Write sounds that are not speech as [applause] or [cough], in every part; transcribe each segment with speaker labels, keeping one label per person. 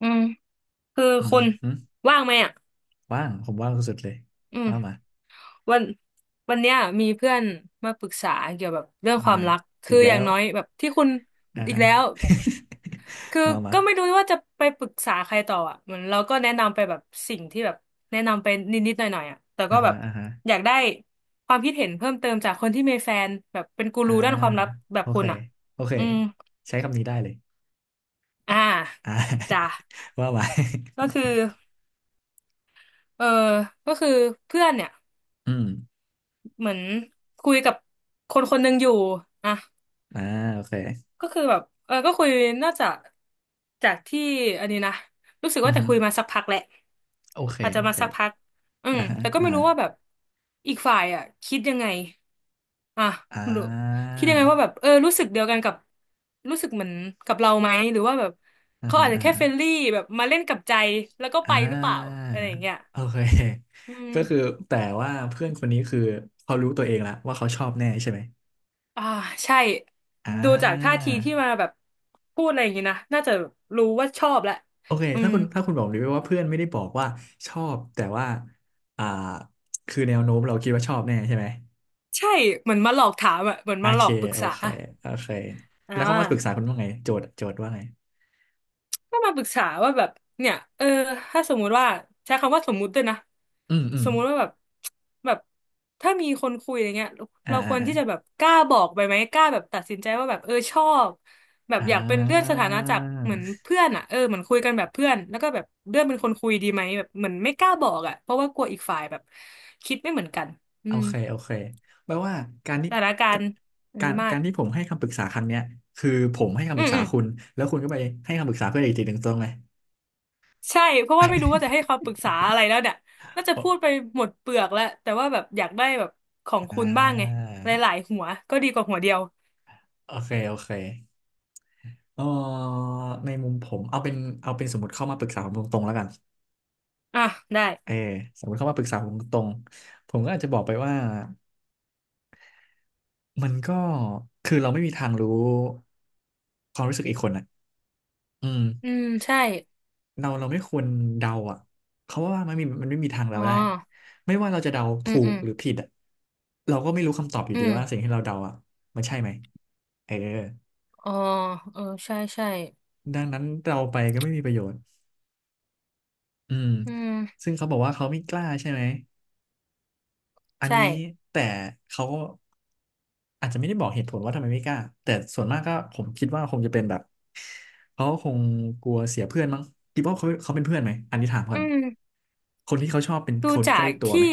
Speaker 1: อืมคือ
Speaker 2: อืม
Speaker 1: คุณ
Speaker 2: อืม
Speaker 1: ว่างไหมอ่ะ
Speaker 2: ว่างผมว่างสุดๆเลย
Speaker 1: อื
Speaker 2: มามา
Speaker 1: มวันวันเนี้ยมีเพื่อนมาปรึกษาเกี่ยวกับเรื่อง
Speaker 2: อ่า
Speaker 1: ความรัก
Speaker 2: อี
Speaker 1: คือ
Speaker 2: กแล้
Speaker 1: อย่าง
Speaker 2: ว
Speaker 1: น้อยแบบที่คุณ
Speaker 2: อ่า
Speaker 1: อีก
Speaker 2: ฮะ
Speaker 1: แล้วคือ
Speaker 2: [laughs] มามา
Speaker 1: ก็ไม่รู้ว่าจะไปปรึกษาใครต่ออ่ะเหมือนเราก็แนะนำไปแบบสิ่งที่แบบแนะนำไปนิดๆหน่อยๆอ่ะแต่
Speaker 2: อ่า
Speaker 1: ก็แบ
Speaker 2: ฮะ
Speaker 1: บ
Speaker 2: อ่าฮะ
Speaker 1: อยากได้ความคิดเห็นเพิ่มเติมจากคนที่มีแฟนแบบเป็นกู
Speaker 2: อ่า
Speaker 1: รูด้านความรักแบบ
Speaker 2: โอ
Speaker 1: คุ
Speaker 2: เค
Speaker 1: ณอ่ะ
Speaker 2: โอเค
Speaker 1: อืม
Speaker 2: ใช้คำนี้ได้เลย
Speaker 1: อ่า
Speaker 2: อ่า
Speaker 1: จ้ะ
Speaker 2: [laughs] ว่ามา
Speaker 1: ก็คือเออก็คือเพื่อนเนี่ย
Speaker 2: [laughs] อืม
Speaker 1: เหมือนคุยกับคนคนหนึ่งอยู่อ่ะ
Speaker 2: อ่าโอเค
Speaker 1: ก็คือแบบเออก็คุยน่าจะจากที่อันนี้นะรู้สึก
Speaker 2: อื
Speaker 1: ว่า
Speaker 2: อ
Speaker 1: จะ
Speaker 2: ฮึ
Speaker 1: คุยมาสักพักแหละ
Speaker 2: โอเค
Speaker 1: อาจจะ
Speaker 2: โอ
Speaker 1: มา
Speaker 2: เค
Speaker 1: สักพักอื
Speaker 2: อ่า
Speaker 1: ม
Speaker 2: ฮะ
Speaker 1: แต่ก็
Speaker 2: อ่า
Speaker 1: ไม่
Speaker 2: ฮะ
Speaker 1: รู้ว่าแบบอีกฝ่ายอ่ะคิดยังไงอ่ะ
Speaker 2: อ่
Speaker 1: หรือ
Speaker 2: า
Speaker 1: คิดยังไงว่าแบบเออรู้สึกเดียวกันกับรู้สึกเหมือนกับเราไหมหรือว่าแบบ
Speaker 2: อ่า
Speaker 1: เขา
Speaker 2: ฮะ
Speaker 1: อาจจะ
Speaker 2: อ่า
Speaker 1: แค่
Speaker 2: ฮะ
Speaker 1: เฟรนลี่แบบมาเล่นกับใจแล้วก็
Speaker 2: อ่
Speaker 1: ไปหรือเปล่า
Speaker 2: า
Speaker 1: อะไรอย่างเงี้ย
Speaker 2: โอเค [laughs]
Speaker 1: อื
Speaker 2: ก็คือ
Speaker 1: ม
Speaker 2: แต่ว่าเพื่อนคนนี้คือเขารู้ตัวเองแล้วว่าเขาชอบแน่ใช่ไหม
Speaker 1: อ่าใช่
Speaker 2: อ่
Speaker 1: ดูจากท่าทีที่มา
Speaker 2: า
Speaker 1: แบบพูดอะไรอย่างงี้นะน่าจะรู้ว่าชอบแหละ
Speaker 2: โอเค
Speaker 1: อื
Speaker 2: ถ้า
Speaker 1: ม
Speaker 2: คุณถ้าคุณบอกดิว่าเพื่อนไม่ได้บอกว่าชอบแต่ว่าอ่าคือแนวโน้มเราคิดว่าชอบแน่ใช่ไหม
Speaker 1: ใช่เหมือนมาหลอกถามอะเหมือน
Speaker 2: โอ
Speaker 1: มาหล
Speaker 2: เค
Speaker 1: อกปรึก
Speaker 2: โอ
Speaker 1: ษา
Speaker 2: เคโอเค
Speaker 1: อ่
Speaker 2: แล้วเขามาปรึกษา
Speaker 1: า
Speaker 2: คุณว่าไงโจทย์ว่าไง
Speaker 1: ก็มาปรึกษาว่าแบบเนี่ยเออถ้าสมมุติว่าใช้คำว่าสมมุติด้วยนะ
Speaker 2: อืมอื
Speaker 1: ส
Speaker 2: ม
Speaker 1: มมุติว่าแบบแบบถ้ามีคนคุยอย่างเงี้ย
Speaker 2: อ่า
Speaker 1: เราค
Speaker 2: อ่า
Speaker 1: วร
Speaker 2: อ่า
Speaker 1: ที่จะแบบกล้าบอกไปไหมกล้าแบบตัดสินใจว่าแบบเออชอบแบบ
Speaker 2: อ่
Speaker 1: อยากเป็นเลื่อนส
Speaker 2: า
Speaker 1: ถานะจากเหมือนเพื่อนอ่ะเออเหมือนคุยกันแบบเพื่อนแล้วก็แบบเลื่อนเป็นคนคุยดีไหมแบบเหมือนไม่กล้าบอกอ่ะเพราะว่ากลัวอีกฝ่ายแบบคิดไม่เหมือนกันอื
Speaker 2: โอ
Speaker 1: ม
Speaker 2: เคโอเคแปลว่าการที่
Speaker 1: สถานกา
Speaker 2: ก
Speaker 1: รณ์อัน
Speaker 2: กา
Speaker 1: นี้
Speaker 2: ร
Speaker 1: มา
Speaker 2: กา
Speaker 1: ก
Speaker 2: รที่ผมให้คำปรึกษาครั้งเนี้ยคือผมให้คำป
Speaker 1: อื
Speaker 2: รึ
Speaker 1: ม
Speaker 2: กษา
Speaker 1: อืม
Speaker 2: คุณแล้วคุณก็ไปให้คำปรึกษาเพื่อนอีกทีหนึ่งตรงไหม
Speaker 1: ใช่เพราะว่าไม่รู้ว่าจะให้คำปรึกษาอะไรแล้วเนี่ยน่าจะพูดไป
Speaker 2: [laughs]
Speaker 1: หมดเปลือกแล้วแต่ว่าแบบอยากได้แบบของคุ
Speaker 2: อ่า
Speaker 1: ณบ้างไงหลายๆหัวก็ดีกว่าหัวเดียว
Speaker 2: โอเคโอเค เออในมุมผมเอาเป็นสมมติเข้ามาปรึกษาผมตรงๆแล้วกัน
Speaker 1: อ่ะได้
Speaker 2: เออสมมติเข้ามาปรึกษาผมตรงๆผมก็อาจจะบอกไปว่ามันก็คือเราไม่มีทางรู้ความรู้สึกอีกคนอ่ะอืม
Speaker 1: อืมใช่
Speaker 2: เราไม่ควรเดาอ่ะเขาะว่ามันไม่มีทาง
Speaker 1: อ๋
Speaker 2: เดา
Speaker 1: อ
Speaker 2: ได้ไม่ว่าเราจะเดา
Speaker 1: อื
Speaker 2: ถู
Speaker 1: มอื
Speaker 2: ก
Speaker 1: ม
Speaker 2: หรือผิดอ่ะเราก็ไม่รู้คำตอบอยู่
Speaker 1: อื
Speaker 2: ดี
Speaker 1: ม
Speaker 2: ว่าสิ่งที่เราเดาอ่ะมันใช่ไหมเออ
Speaker 1: อ๋อเออใช่ใช่
Speaker 2: ดังนั้นเราไปก็ไม่มีประโยชน์อืม
Speaker 1: อืม
Speaker 2: ซึ่งเขาบอกว่าเขาไม่กล้าใช่ไหม อันนี้
Speaker 1: ใช่
Speaker 2: แต่เขาก็อาจจะไม่ได้บอกเหตุผลว่าทำไมไม่กล้าแต่ส่วนมากก็ผมคิดว่าคงจะเป็นแบบเขาคงกลัวเสียเพื่อนมั้งคิดว่าเขาเป็นเพื่อนไหมอันนี้ถามก่
Speaker 1: อื
Speaker 2: อน
Speaker 1: ม
Speaker 2: คนที่เขาชอบเป็น
Speaker 1: ดู
Speaker 2: คน
Speaker 1: จา
Speaker 2: ใกล้
Speaker 1: ก
Speaker 2: ตัวไห
Speaker 1: ที่
Speaker 2: ม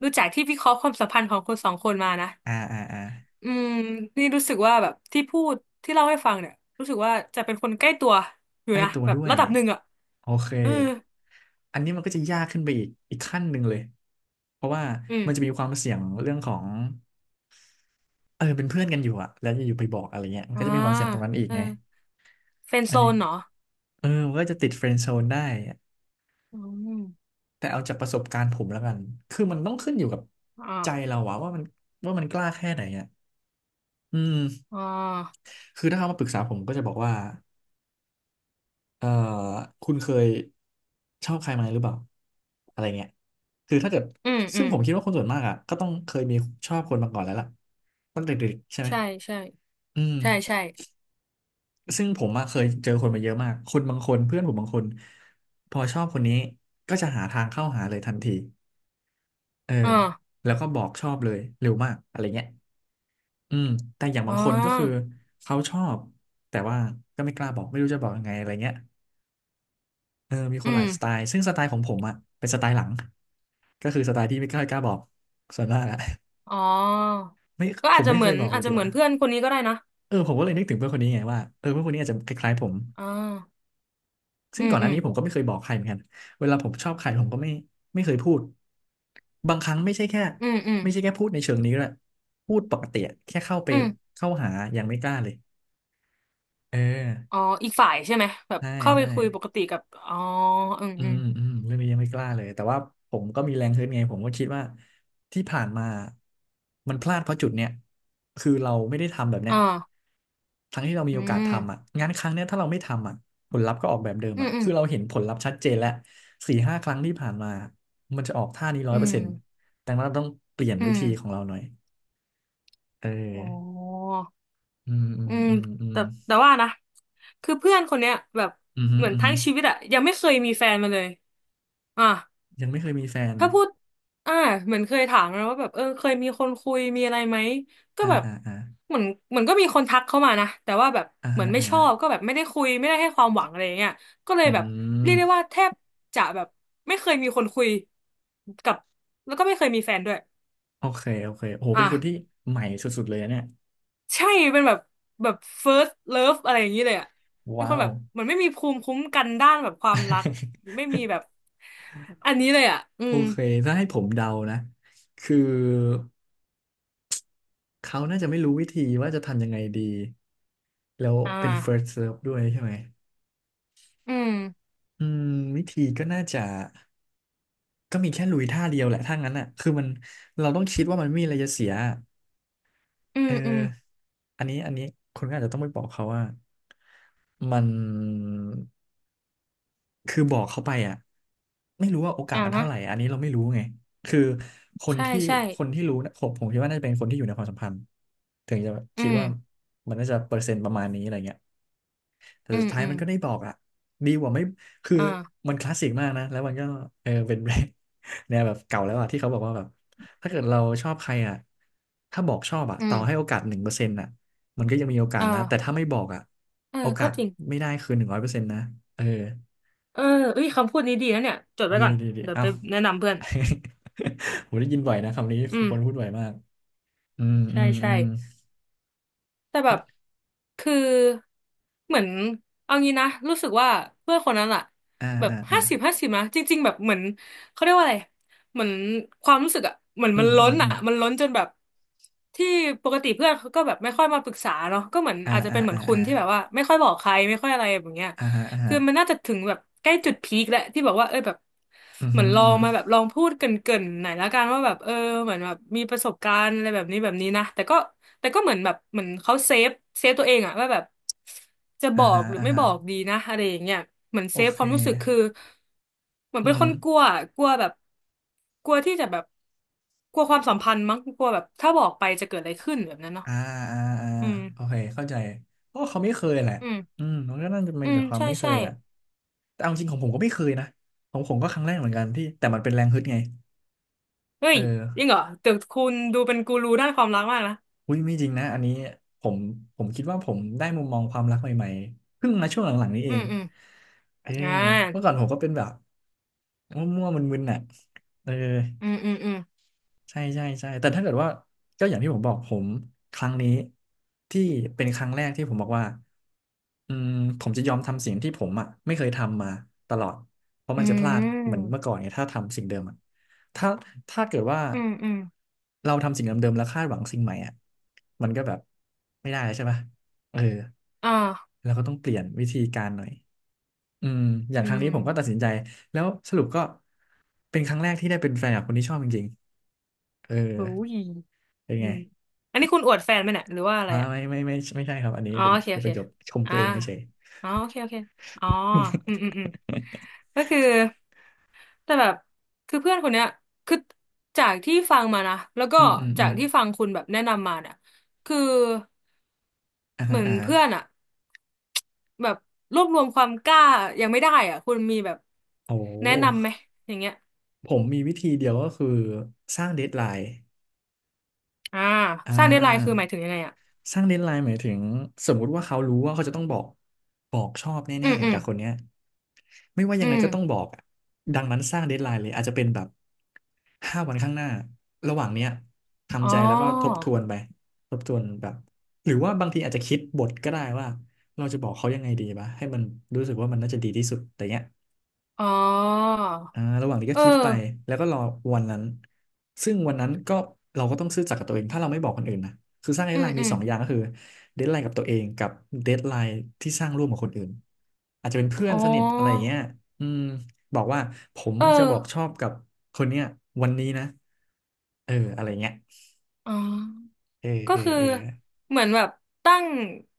Speaker 1: ดูจากที่วิเคราะห์ความสัมพันธ์ของคนสองคนมานะ
Speaker 2: อ่าอ่าอ่า
Speaker 1: อืมนี่รู้สึกว่าแบบที่พูดที่เล่าให้ฟังเนี่ยรู้สึกว่าจะเป็นคนใกล้ตัวอยู่
Speaker 2: ใกล้
Speaker 1: นะ
Speaker 2: ตัว
Speaker 1: แบบ
Speaker 2: ด้วย
Speaker 1: ระดับหนึ่งอ่ะ
Speaker 2: โอเค
Speaker 1: เออ
Speaker 2: อันนี้มันก็จะยากขึ้นไปอีกขั้นหนึ่งเลยเพราะว่า
Speaker 1: อืม
Speaker 2: มันจะมีความเสี่ยงเรื่องของเออเป็นเพื่อนกันอยู่อะแล้วอยู่ๆไปบอกอะไรเงี้ยมัน
Speaker 1: อ่า
Speaker 2: ก็จะมีความเสี่ยงตรงนั้นอีก
Speaker 1: เออ
Speaker 2: ไง
Speaker 1: เฟรนด์
Speaker 2: อั
Speaker 1: โซ
Speaker 2: นนี้
Speaker 1: นเหรอ
Speaker 2: เออมันก็จะติดเฟรนด์โซนได้
Speaker 1: อืม
Speaker 2: แต่เอาจากประสบการณ์ผมแล้วกันคือมันต้องขึ้นอยู่กับ
Speaker 1: อ
Speaker 2: ใจเรา
Speaker 1: ่า
Speaker 2: อะว่ามันกล้าแค่ไหนอะอืม
Speaker 1: อ่า
Speaker 2: คือถ้าเขามาปรึกษาผมก็จะบอกว่าเอ่อคุณเคยชอบใครมาหรือเปล่าอะไรเงี้ยคือถ้าเกิด
Speaker 1: อืมอื
Speaker 2: ซึ่ง
Speaker 1: ม
Speaker 2: ผมคิดว่าคนส่วนมากอะก็ต้องเคยมีชอบคนมาก่อนแล้วล่ะตั้งแต่เด็กๆใช่ไหม
Speaker 1: ใช่ใช่
Speaker 2: อืม
Speaker 1: ใช่ใช่
Speaker 2: ซึ่งผมอะเคยเจอคนมาเยอะมากคนบางคนเพื่อนผมบางคนพอชอบคนนี้ก็จะหาทางเข้าหาเลยทันทีเออ
Speaker 1: อ่า
Speaker 2: แล้วก็บอกชอบเลยเร็วมากอะไรเงี้ย อืมแต่อย่าง
Speaker 1: อ๋
Speaker 2: บา
Speaker 1: อ
Speaker 2: งคนก็คือเขาชอบแต่ว่าก็ไม่กล้าบอกไม่รู้จะบอกยังไงอะไรเงี้ยเออมีค
Speaker 1: อื
Speaker 2: นหลา
Speaker 1: ม
Speaker 2: ยสไตล์ซึ่งสไตล์ของผมอะเป็นสไตล์หลังก็คือสไตล์ที่ไม่กล้าบอกส่วนมากอะ [laughs]
Speaker 1: อ๋อ
Speaker 2: ไม่
Speaker 1: ก็
Speaker 2: ผ
Speaker 1: อาจ
Speaker 2: ม
Speaker 1: จะ
Speaker 2: ไม่
Speaker 1: เห
Speaker 2: เค
Speaker 1: มือ
Speaker 2: ย
Speaker 1: น
Speaker 2: บอกเล
Speaker 1: อา
Speaker 2: ย
Speaker 1: จ
Speaker 2: ดี
Speaker 1: จะ
Speaker 2: ก
Speaker 1: เหมือ
Speaker 2: ว่า
Speaker 1: นเพื่อนคนนี้ก็ได้นะ
Speaker 2: เออผมก็เลยนึกถึงเพื่อนคนนี้ไงว่าเออเพื่อนคนนี้อาจจะคล้ายๆผม
Speaker 1: อ่าอื
Speaker 2: ซึ่ง
Speaker 1: ม
Speaker 2: ก่อนห
Speaker 1: อื
Speaker 2: น้า
Speaker 1: ม
Speaker 2: นี้ผมก็ไม่เคยบอกใครเหมือนกันเวลาผมชอบใครผมก็ไม่เคยพูดบางครั้งไม่ใช่แค่
Speaker 1: อืมอืม
Speaker 2: ไม่ใช่แค่พูดในเชิงนี้ด้วยพูดปกติอะแค่เข้าไป
Speaker 1: อืม
Speaker 2: เข้าหายังไม่กล้าเลยเอ
Speaker 1: อ๋อ
Speaker 2: อ
Speaker 1: อีกฝ่ายใช่ไหมแบบ
Speaker 2: ใช่
Speaker 1: เข้าไป
Speaker 2: ใช่
Speaker 1: คุยปกติกับอ๋ออืม
Speaker 2: อื
Speaker 1: อืม
Speaker 2: มอืมเรื่องนี้ยังไม่กล้าเลยแต่ว่าผมก็มีแรงฮึดไงผมก็คิดว่าที่ผ่านมามันพลาดเพราะจุดเนี้ยคือเราไม่ได้ทำแบบเนี้ย
Speaker 1: อ่า
Speaker 2: ทั้งที่เรามี
Speaker 1: อื
Speaker 2: โอกาสทำอ่ะ
Speaker 1: ม
Speaker 2: งานครั้งเนี้ยถ้าเราไม่ทำอ่ะผลลัพธ์ก็ออกแบบเดิม
Speaker 1: อื
Speaker 2: อ่ะ
Speaker 1: มอืม
Speaker 2: คือเราเห็นผลลัพธ์ชัดเจนแล้ว4-5 ครั้งที่ผ่านมามันจะออกท่านี้ร้อ
Speaker 1: อื
Speaker 2: ยเปอร์
Speaker 1: ม
Speaker 2: เซ็นต์ดังนั้นเราต้องเปลี่ยน
Speaker 1: อื
Speaker 2: วิ
Speaker 1: ม
Speaker 2: ธีของเราหน่อยเอ
Speaker 1: อ๋อ
Speaker 2: ออืมอื
Speaker 1: อื
Speaker 2: ม
Speaker 1: ม
Speaker 2: อืมอืม
Speaker 1: แต่แต่ว่านะคือเพื่อนคนเนี้ยแบบ
Speaker 2: อืม
Speaker 1: เหมือน
Speaker 2: อหื
Speaker 1: ทั้
Speaker 2: ม
Speaker 1: งชีวิตอะยังไม่เคยมีแฟนมาเลยอ่ะ
Speaker 2: ยังไม่เคยมีแฟน
Speaker 1: ถ้าพูดอ่าเหมือนเคยถามนะว่าแบบเออเคยมีคนคุยมีอะไรไหมก็
Speaker 2: อ่า
Speaker 1: แบบ
Speaker 2: อ่าอ่า
Speaker 1: เหมือนเหมือนก็มีคนทักเข้ามานะแต่ว่าแบบ
Speaker 2: อ่า
Speaker 1: เหมือนไม่
Speaker 2: อ่า
Speaker 1: ชอบก็แบบไม่ได้คุยไม่ได้ให้ความหวังอะไรอย่างเงี้ยก็เล
Speaker 2: อื
Speaker 1: ยแบบเรียกได้ว่า
Speaker 2: ม
Speaker 1: แทบจะแบบไม่เคยมีคนคุยกับแล้วก็ไม่เคยมีแฟนด้วย
Speaker 2: โอเคโอเคโห
Speaker 1: อ่ะ
Speaker 2: เป็นคนที่ใหม่สุดๆเลยนะเนี่ย
Speaker 1: ใช่เป็นแบบแบบ first love อะไรอย่างนี้เลยอ่ะ เป็นค
Speaker 2: ว้า
Speaker 1: น
Speaker 2: ว
Speaker 1: แบบเหมือนไม่มีภูมิคุ้มกันด้านแบบความรักไม่มี
Speaker 2: [laughs]
Speaker 1: แบบอันนี้เลยอ่ะ อื
Speaker 2: โอ
Speaker 1: ม
Speaker 2: เคถ้าให้ผมเดานะคือเขาน่าจะไม่รู้วิธีว่าจะทำยังไงดีแล้ว
Speaker 1: อ่า
Speaker 2: เป็น first serve ด้วยใช่ไหม
Speaker 1: อืม
Speaker 2: อืมวิธีก็น่าจะก็มีแค่ลุยท่าเดียวแหละถ้างั้นอ่ะคือมันเราต้องคิดว่ามันไม่มีอะไรจะเสีย
Speaker 1: อื
Speaker 2: เอ
Speaker 1: มอืม
Speaker 2: ออันนี้อันนี้คุณก็อาจจะต้องไปบอกเขาว่ามัน คือบอกเขาไปอ่ะไม่รู้ว่าโอกาส
Speaker 1: อ่า
Speaker 2: มัน
Speaker 1: ฮะ
Speaker 2: เท่าไหร่อันนี้เราไม่รู้ไงคือคน
Speaker 1: ใช่
Speaker 2: ที่
Speaker 1: ใช่
Speaker 2: รู้นะผมคิดว่าน่าจะเป็นคนที่อยู่ในความสัมพันธ์ถึงจะ
Speaker 1: อื
Speaker 2: คิด
Speaker 1: ม
Speaker 2: ว่ามันน่าจะเปอร์เซ็นต์ประมาณนี้อะไรเงี้ยแต่
Speaker 1: อื
Speaker 2: สุด
Speaker 1: ม
Speaker 2: ท้าย
Speaker 1: อืม
Speaker 2: มันก็ได้บอกอ่ะดีกว่าไม่คือ
Speaker 1: อ่า
Speaker 2: มันคลาสสิกมากนะแล้วมันก็เออเป็น [laughs] เนี่ยแบบเก่าแล้วอ่ะที่เขาบอกว่าแบบถ้าเกิดเราชอบใครอ่ะถ้าบอกชอบอ่ะ
Speaker 1: อื
Speaker 2: ต่อ
Speaker 1: ม
Speaker 2: ให้โอกาส1%อ่ะมันก็ยังมีโอกาส
Speaker 1: อ่า
Speaker 2: นะแต่ถ้าไม่บอกอ่ะ
Speaker 1: เออ
Speaker 2: โอกา
Speaker 1: ก็
Speaker 2: ส
Speaker 1: จริง
Speaker 2: ไม่ได้คือ100%นะเออ
Speaker 1: เออเอ้ยคำพูดนี้ดีนะเนี่ยจดไว้
Speaker 2: ดี
Speaker 1: ก่อน
Speaker 2: ดีดี
Speaker 1: เดี๋ยว
Speaker 2: อ้า
Speaker 1: ไป
Speaker 2: ว
Speaker 1: แนะนำเพื่อน
Speaker 2: [laughs] ผมได้ยินบ่อยนะคำนี้
Speaker 1: อืม
Speaker 2: คนพูดบ่อยมากอืมอื
Speaker 1: ใช่
Speaker 2: มอื
Speaker 1: ใช่
Speaker 2: ม
Speaker 1: แต่แบบคือเหมือนเอางี้นะรู้สึกว่าเพื่อนคนนั้นอะ
Speaker 2: อ่า
Speaker 1: แบบ
Speaker 2: อ่าอ่า
Speaker 1: 50/50นะจริงๆแบบเหมือนเขาเรียกว่าอะไรเหมือนความรู้สึกอะเหมือน
Speaker 2: อื
Speaker 1: มัน
Speaker 2: มอื
Speaker 1: ล้
Speaker 2: ม
Speaker 1: น
Speaker 2: อื
Speaker 1: อะ
Speaker 2: ม
Speaker 1: มันล้นจนแบบที่ปกติเพื่อนเขาก็แบบไม่ค่อยมาปรึกษาเนาะก็เหมือน
Speaker 2: อ่า
Speaker 1: อาจจะ
Speaker 2: อ่า
Speaker 1: เป็นเหมือ
Speaker 2: อ่า
Speaker 1: นคุ
Speaker 2: อ่า
Speaker 1: ณที่แบบว่าไม่ค่อยบอกใครไม่ค่อยอะไรแบบเนี้ย
Speaker 2: อ่าฮะอ่าฮะ
Speaker 1: คือมันน่าจะถึงแบบใกล้จุดพีคแล้วที่บอกว่าเออแบบ
Speaker 2: อืม
Speaker 1: เหมื
Speaker 2: ฮึ
Speaker 1: อ
Speaker 2: อ
Speaker 1: นล
Speaker 2: หื
Speaker 1: อ
Speaker 2: มฮึอ
Speaker 1: ง
Speaker 2: หือ
Speaker 1: มาแบบลองพูดเกริ่นๆหน่อยละกันว่าแบบเออเหมือนแบบมีประสบการณ์อะไรแบบนี้แบบนี้นะแต่ก็แต่ก็เหมือนแบบเหมือนเขาเซฟเซฟตัวเองอะว่าแบบจะบ
Speaker 2: อ่า
Speaker 1: อ
Speaker 2: ฮะ
Speaker 1: กหรือ
Speaker 2: อ่า
Speaker 1: ไม่
Speaker 2: ฮะ
Speaker 1: บอกดีนะอะไรอย่างเงี้ยเหมือน
Speaker 2: โอ
Speaker 1: เซฟ
Speaker 2: เค
Speaker 1: ความรู้สึกคือเหมือน
Speaker 2: อืม
Speaker 1: เป็น
Speaker 2: ฮึ
Speaker 1: คนกลัว
Speaker 2: อ
Speaker 1: อะกลัวแบบกลัวที่จะแบบกลัวความสัมพันธ์มั้งกลัวแบบถ้าบอกไปจะเกิดอะไรขึ้นแบบนั้นเนาะ
Speaker 2: อ่าอ่าอ่า
Speaker 1: อืม
Speaker 2: โอเคเข้าใจเพราะว่าเขาไม่เคยแหละ
Speaker 1: อืม
Speaker 2: อืมมันก็น่าจะเป็
Speaker 1: อื
Speaker 2: นแต่
Speaker 1: ม
Speaker 2: ความ
Speaker 1: ใช่
Speaker 2: ไม่เค
Speaker 1: ใช่
Speaker 2: ยอ่ะแต่เอาจริงของผมก็ไม่เคยนะของผมก็ครั้งแรกเหมือนกันที่แต่มันเป็นแรงฮึดไง
Speaker 1: เฮ้
Speaker 2: เอ
Speaker 1: ย
Speaker 2: อ
Speaker 1: จริงเหรอแต่คุณดูเป็นกูรูด้านความรักมากนะ
Speaker 2: อุ้ยไม่จริงนะอันนี้ผมคิดว่าผมได้มุมมองความรักใหม่ๆเพิ่งมาช่วงหลังๆนี้เอ
Speaker 1: อื
Speaker 2: ง
Speaker 1: มอืม
Speaker 2: เออ
Speaker 1: อ่า
Speaker 2: เมื่อก่อนผมก็เป็นแบบมั่วๆมึนๆน่ะเออ
Speaker 1: อืมอืมอืม
Speaker 2: ใช่ใช่ใช่แต่ถ้าเกิดว่าก็อย่างที่ผมบอกผมครั้งนี้ที่เป็นครั้งแรกที่ผมบอกว่าอืมผมจะยอมทำสิ่งที่ผมอ่ะไม่เคยทำมาตลอดเพราะ
Speaker 1: อื
Speaker 2: มันจะพลาดเหมือน
Speaker 1: ม
Speaker 2: เมื่อก่อนไงถ้าทำสิ่งเดิมอะถ้าถ้าเกิดว่า
Speaker 1: อืมอืม
Speaker 2: เราทำสิ่งเดิมๆแล้วคาดหวังสิ่งใหม่อ่ะมันก็แบบไม่ได้แล้วใช่ปะเออ
Speaker 1: อ่า
Speaker 2: เราก็ต้องเปลี่ยนวิธีการหน่อยอืมอย่าง
Speaker 1: อื
Speaker 2: ครั้ง
Speaker 1: ม
Speaker 2: นี้ผมก็ตัดสินใจแล้วสรุปก็เป็นครั้งแรกที่ได้เป็นแฟนกับคนที่ชอบจริงๆเออ
Speaker 1: โอ้ย
Speaker 2: เป็น
Speaker 1: อื
Speaker 2: ไง
Speaker 1: มอันนี้คุณอวดแฟนไหมเนี่ยหรือว่าอะไร
Speaker 2: อ่า
Speaker 1: อ่ะ
Speaker 2: ไม่ไม่ไม่ไม่ใช่ครับอันนี้
Speaker 1: อ๋อ
Speaker 2: เป็น
Speaker 1: โอเค
Speaker 2: เป็
Speaker 1: โอ
Speaker 2: นป
Speaker 1: เค
Speaker 2: ระโยคชมตั
Speaker 1: อ่า
Speaker 2: วเองเฉย
Speaker 1: อ๋อโอเคโอเคอ๋ออืมอืมอืมก็คือแต่แบบคือเพื่อนคนเนี้ยคือจากที่ฟังมานะแล้ว
Speaker 2: ๆ [laughs]
Speaker 1: ก็
Speaker 2: อืมอืมอื
Speaker 1: จา
Speaker 2: ม
Speaker 1: กที่ฟังคุณแบบแนะนำมาเนี่ยคือ
Speaker 2: อ่า
Speaker 1: เห
Speaker 2: ฮะ
Speaker 1: มือน
Speaker 2: อ่าฮะ
Speaker 1: เพื่อนอะแบบรวบรวมความกล้ายังไม่ได้อะคุณมีแบบ
Speaker 2: โอ้โห
Speaker 1: แนะนำไหมอย่างเงี้ย
Speaker 2: ผมมีวิธีเดียวก็คือสร้างเดดไลน์
Speaker 1: อ่า
Speaker 2: อ่
Speaker 1: สร้างเดดไลน์คือ
Speaker 2: า
Speaker 1: หมายถึงยังไงอะ
Speaker 2: สร้างเดดไลน์หมายถึงสมมุติว่าเขารู้ว่าเขาจะต้องบอกบอกชอบ
Speaker 1: อื
Speaker 2: แน่
Speaker 1: มอื
Speaker 2: ๆ
Speaker 1: ม
Speaker 2: กับคนเนี้ยไม่ว่า
Speaker 1: อื
Speaker 2: ยังไง
Speaker 1: ม
Speaker 2: ก็ต้องบอกอะดังนั้นสร้างเดดไลน์เลยอาจจะเป็นแบบ5 วันข้างหน้าระหว่างเนี้ย
Speaker 1: อ๋อ
Speaker 2: ทำใจแล้วก็ทบทวนไปทบทวนแบบหรือว่าบางทีอาจจะคิดบทก็ได้ว่าเราจะบอกเขายังไงดีวะให้มันรู้สึกว่ามันน่าจะดีที่สุดแต่เนี้ย
Speaker 1: อ๋อ
Speaker 2: อ่าระหว่างนี้ก็
Speaker 1: เออ
Speaker 2: คิดไปแล้วก็รอวันนั้นซึ่งวันนั้นก็เราก็ต้องซื่อสัตย์กับตัวเองถ้าเราไม่บอกคนอื่นนะคือสร้างเด
Speaker 1: อื
Speaker 2: ดไล
Speaker 1: ม
Speaker 2: น์
Speaker 1: อื
Speaker 2: มี
Speaker 1: ม
Speaker 2: 2 อย่างก็คือเดดไลน์กับตัวเองกับเดดไลน์ที่สร้างร่วมกับคนอื่นอาจจะเป็นเพื่อ
Speaker 1: อ๋
Speaker 2: น
Speaker 1: อ
Speaker 2: สนิทอะไรอย่างเงี้ยอืมบอกว่าผม
Speaker 1: เออ
Speaker 2: จะบอกชอบกับคนเนี้ยวันนี้นะเอออะไรเงี้ย
Speaker 1: อ๋อ
Speaker 2: เออ
Speaker 1: ก็
Speaker 2: เออ
Speaker 1: คือ
Speaker 2: เออ
Speaker 1: เหมือนแบบตั้ง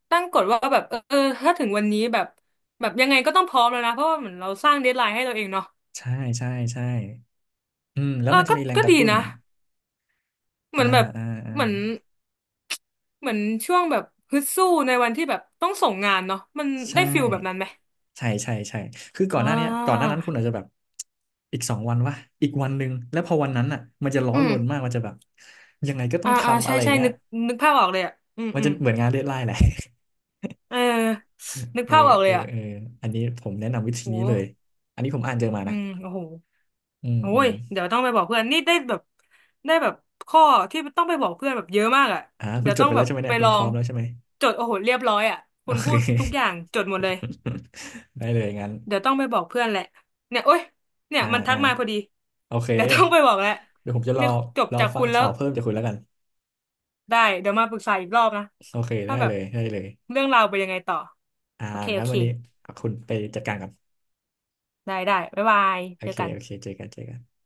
Speaker 1: ตั้งกฎว่าแบบเออเออถ้าถึงวันนี้แบบแบบยังไงก็ต้องพร้อมแล้วนะเพราะว่าเหมือนเราสร้างเดดไลน์ให้เราเองเนาะ
Speaker 2: ใช่ใช่ใช่อืมแล้
Speaker 1: เอ
Speaker 2: ว
Speaker 1: อ
Speaker 2: มันจะ
Speaker 1: ก็
Speaker 2: มีแรง
Speaker 1: ก็
Speaker 2: กระ
Speaker 1: ดี
Speaker 2: ตุ้น
Speaker 1: นะ เห
Speaker 2: อ่า
Speaker 1: มือนแบบ
Speaker 2: อ่าอ่า
Speaker 1: เหมือนเหมือนช่วงแบบฮึดสู้ในวันที่แบบต้องส่งงานเนาะมัน
Speaker 2: ใช
Speaker 1: ได้ฟิลแบบนั้
Speaker 2: ่
Speaker 1: นไหม
Speaker 2: ใช่ใช่ใช่คือก่อ
Speaker 1: อ่
Speaker 2: นหน้าเนี้ยก่อนหน้า
Speaker 1: า
Speaker 2: นั้นคุณอาจจะแบบอีก2 วันวะอีกวันหนึ่งแล้วพอวันนั้นอ่ะมันจะร้อ
Speaker 1: อื
Speaker 2: นร
Speaker 1: ม
Speaker 2: นมากมันจะแบบยังไงก็ต้อ
Speaker 1: อ่า
Speaker 2: ง
Speaker 1: อ่า
Speaker 2: ทำอะ
Speaker 1: ใช่
Speaker 2: ไร
Speaker 1: ใช่
Speaker 2: เงี้ย
Speaker 1: นึกภาพออกเลยอ่ะอืม
Speaker 2: มัน
Speaker 1: อื
Speaker 2: จะ
Speaker 1: ม
Speaker 2: เหมือนงานเดดไลน์แหละ
Speaker 1: เออ
Speaker 2: [laughs]
Speaker 1: นึก
Speaker 2: เออ
Speaker 1: ภาพออกเล
Speaker 2: เอ
Speaker 1: ย
Speaker 2: อ
Speaker 1: อ่ะ
Speaker 2: เอออันนี้ผมแนะนำวิธี
Speaker 1: โอ้
Speaker 2: นี้เลยอันนี้ผมอ่านเจอมา
Speaker 1: อื
Speaker 2: นะ
Speaker 1: มโอ้โห
Speaker 2: อืม
Speaker 1: โอ้
Speaker 2: อื
Speaker 1: ย
Speaker 2: ม
Speaker 1: เดี๋ยวต้องไปบอกเพื่อนนี่ได้แบบได้แบบข้อที่ต้องไปบอกเพื่อนแบบเยอะมากอ่ะ
Speaker 2: อ่าคุ
Speaker 1: เดี๋
Speaker 2: ณ
Speaker 1: ยว
Speaker 2: จด
Speaker 1: ต้อ
Speaker 2: ไป
Speaker 1: งแบ
Speaker 2: แล้ว
Speaker 1: บ
Speaker 2: ใช่ไหม
Speaker 1: ไป
Speaker 2: เนี่ยคุ
Speaker 1: ล
Speaker 2: ณ
Speaker 1: อ
Speaker 2: พร้อ
Speaker 1: ง
Speaker 2: มแล้วใช่ไหม
Speaker 1: จดโอ้โหเรียบร้อยอ่ะ
Speaker 2: [laughs] โอ
Speaker 1: คุณ
Speaker 2: เค
Speaker 1: พูดทุกอย่างจดหมดเลย
Speaker 2: [laughs] ได้เลยงั้น
Speaker 1: เดี๋ยวต้องไปบอกเพื่อนแหละเนี่ยโอ๊ยเนี่ย
Speaker 2: อ่า
Speaker 1: มันทั
Speaker 2: อ่า
Speaker 1: กมาพอดี
Speaker 2: โอเค
Speaker 1: เดี๋ยวต้องไปบอกแหละ
Speaker 2: เดี๋ยวผมจะรอ
Speaker 1: เนี่ยจบ
Speaker 2: รอ
Speaker 1: จาก
Speaker 2: ฟั
Speaker 1: คุ
Speaker 2: ง
Speaker 1: ณแล้
Speaker 2: ข่า
Speaker 1: ว
Speaker 2: วเพิ่มจากคุณแล้วกัน
Speaker 1: ได้เดี๋ยวมาปรึกษาอีกรอบนะ
Speaker 2: โอเคได้
Speaker 1: ว่าแบ
Speaker 2: เล
Speaker 1: บ
Speaker 2: ยได้เลย
Speaker 1: เรื่องราวไปนยังไงต่อ
Speaker 2: อ่า
Speaker 1: โอเคโอ
Speaker 2: งั้น
Speaker 1: เค
Speaker 2: วันนี้คุณไปจัดการก่อน
Speaker 1: ได้ได้บ๊ายบาย
Speaker 2: โอ
Speaker 1: เจอ
Speaker 2: เค
Speaker 1: กัน
Speaker 2: โอเคเจอกันเจอกัน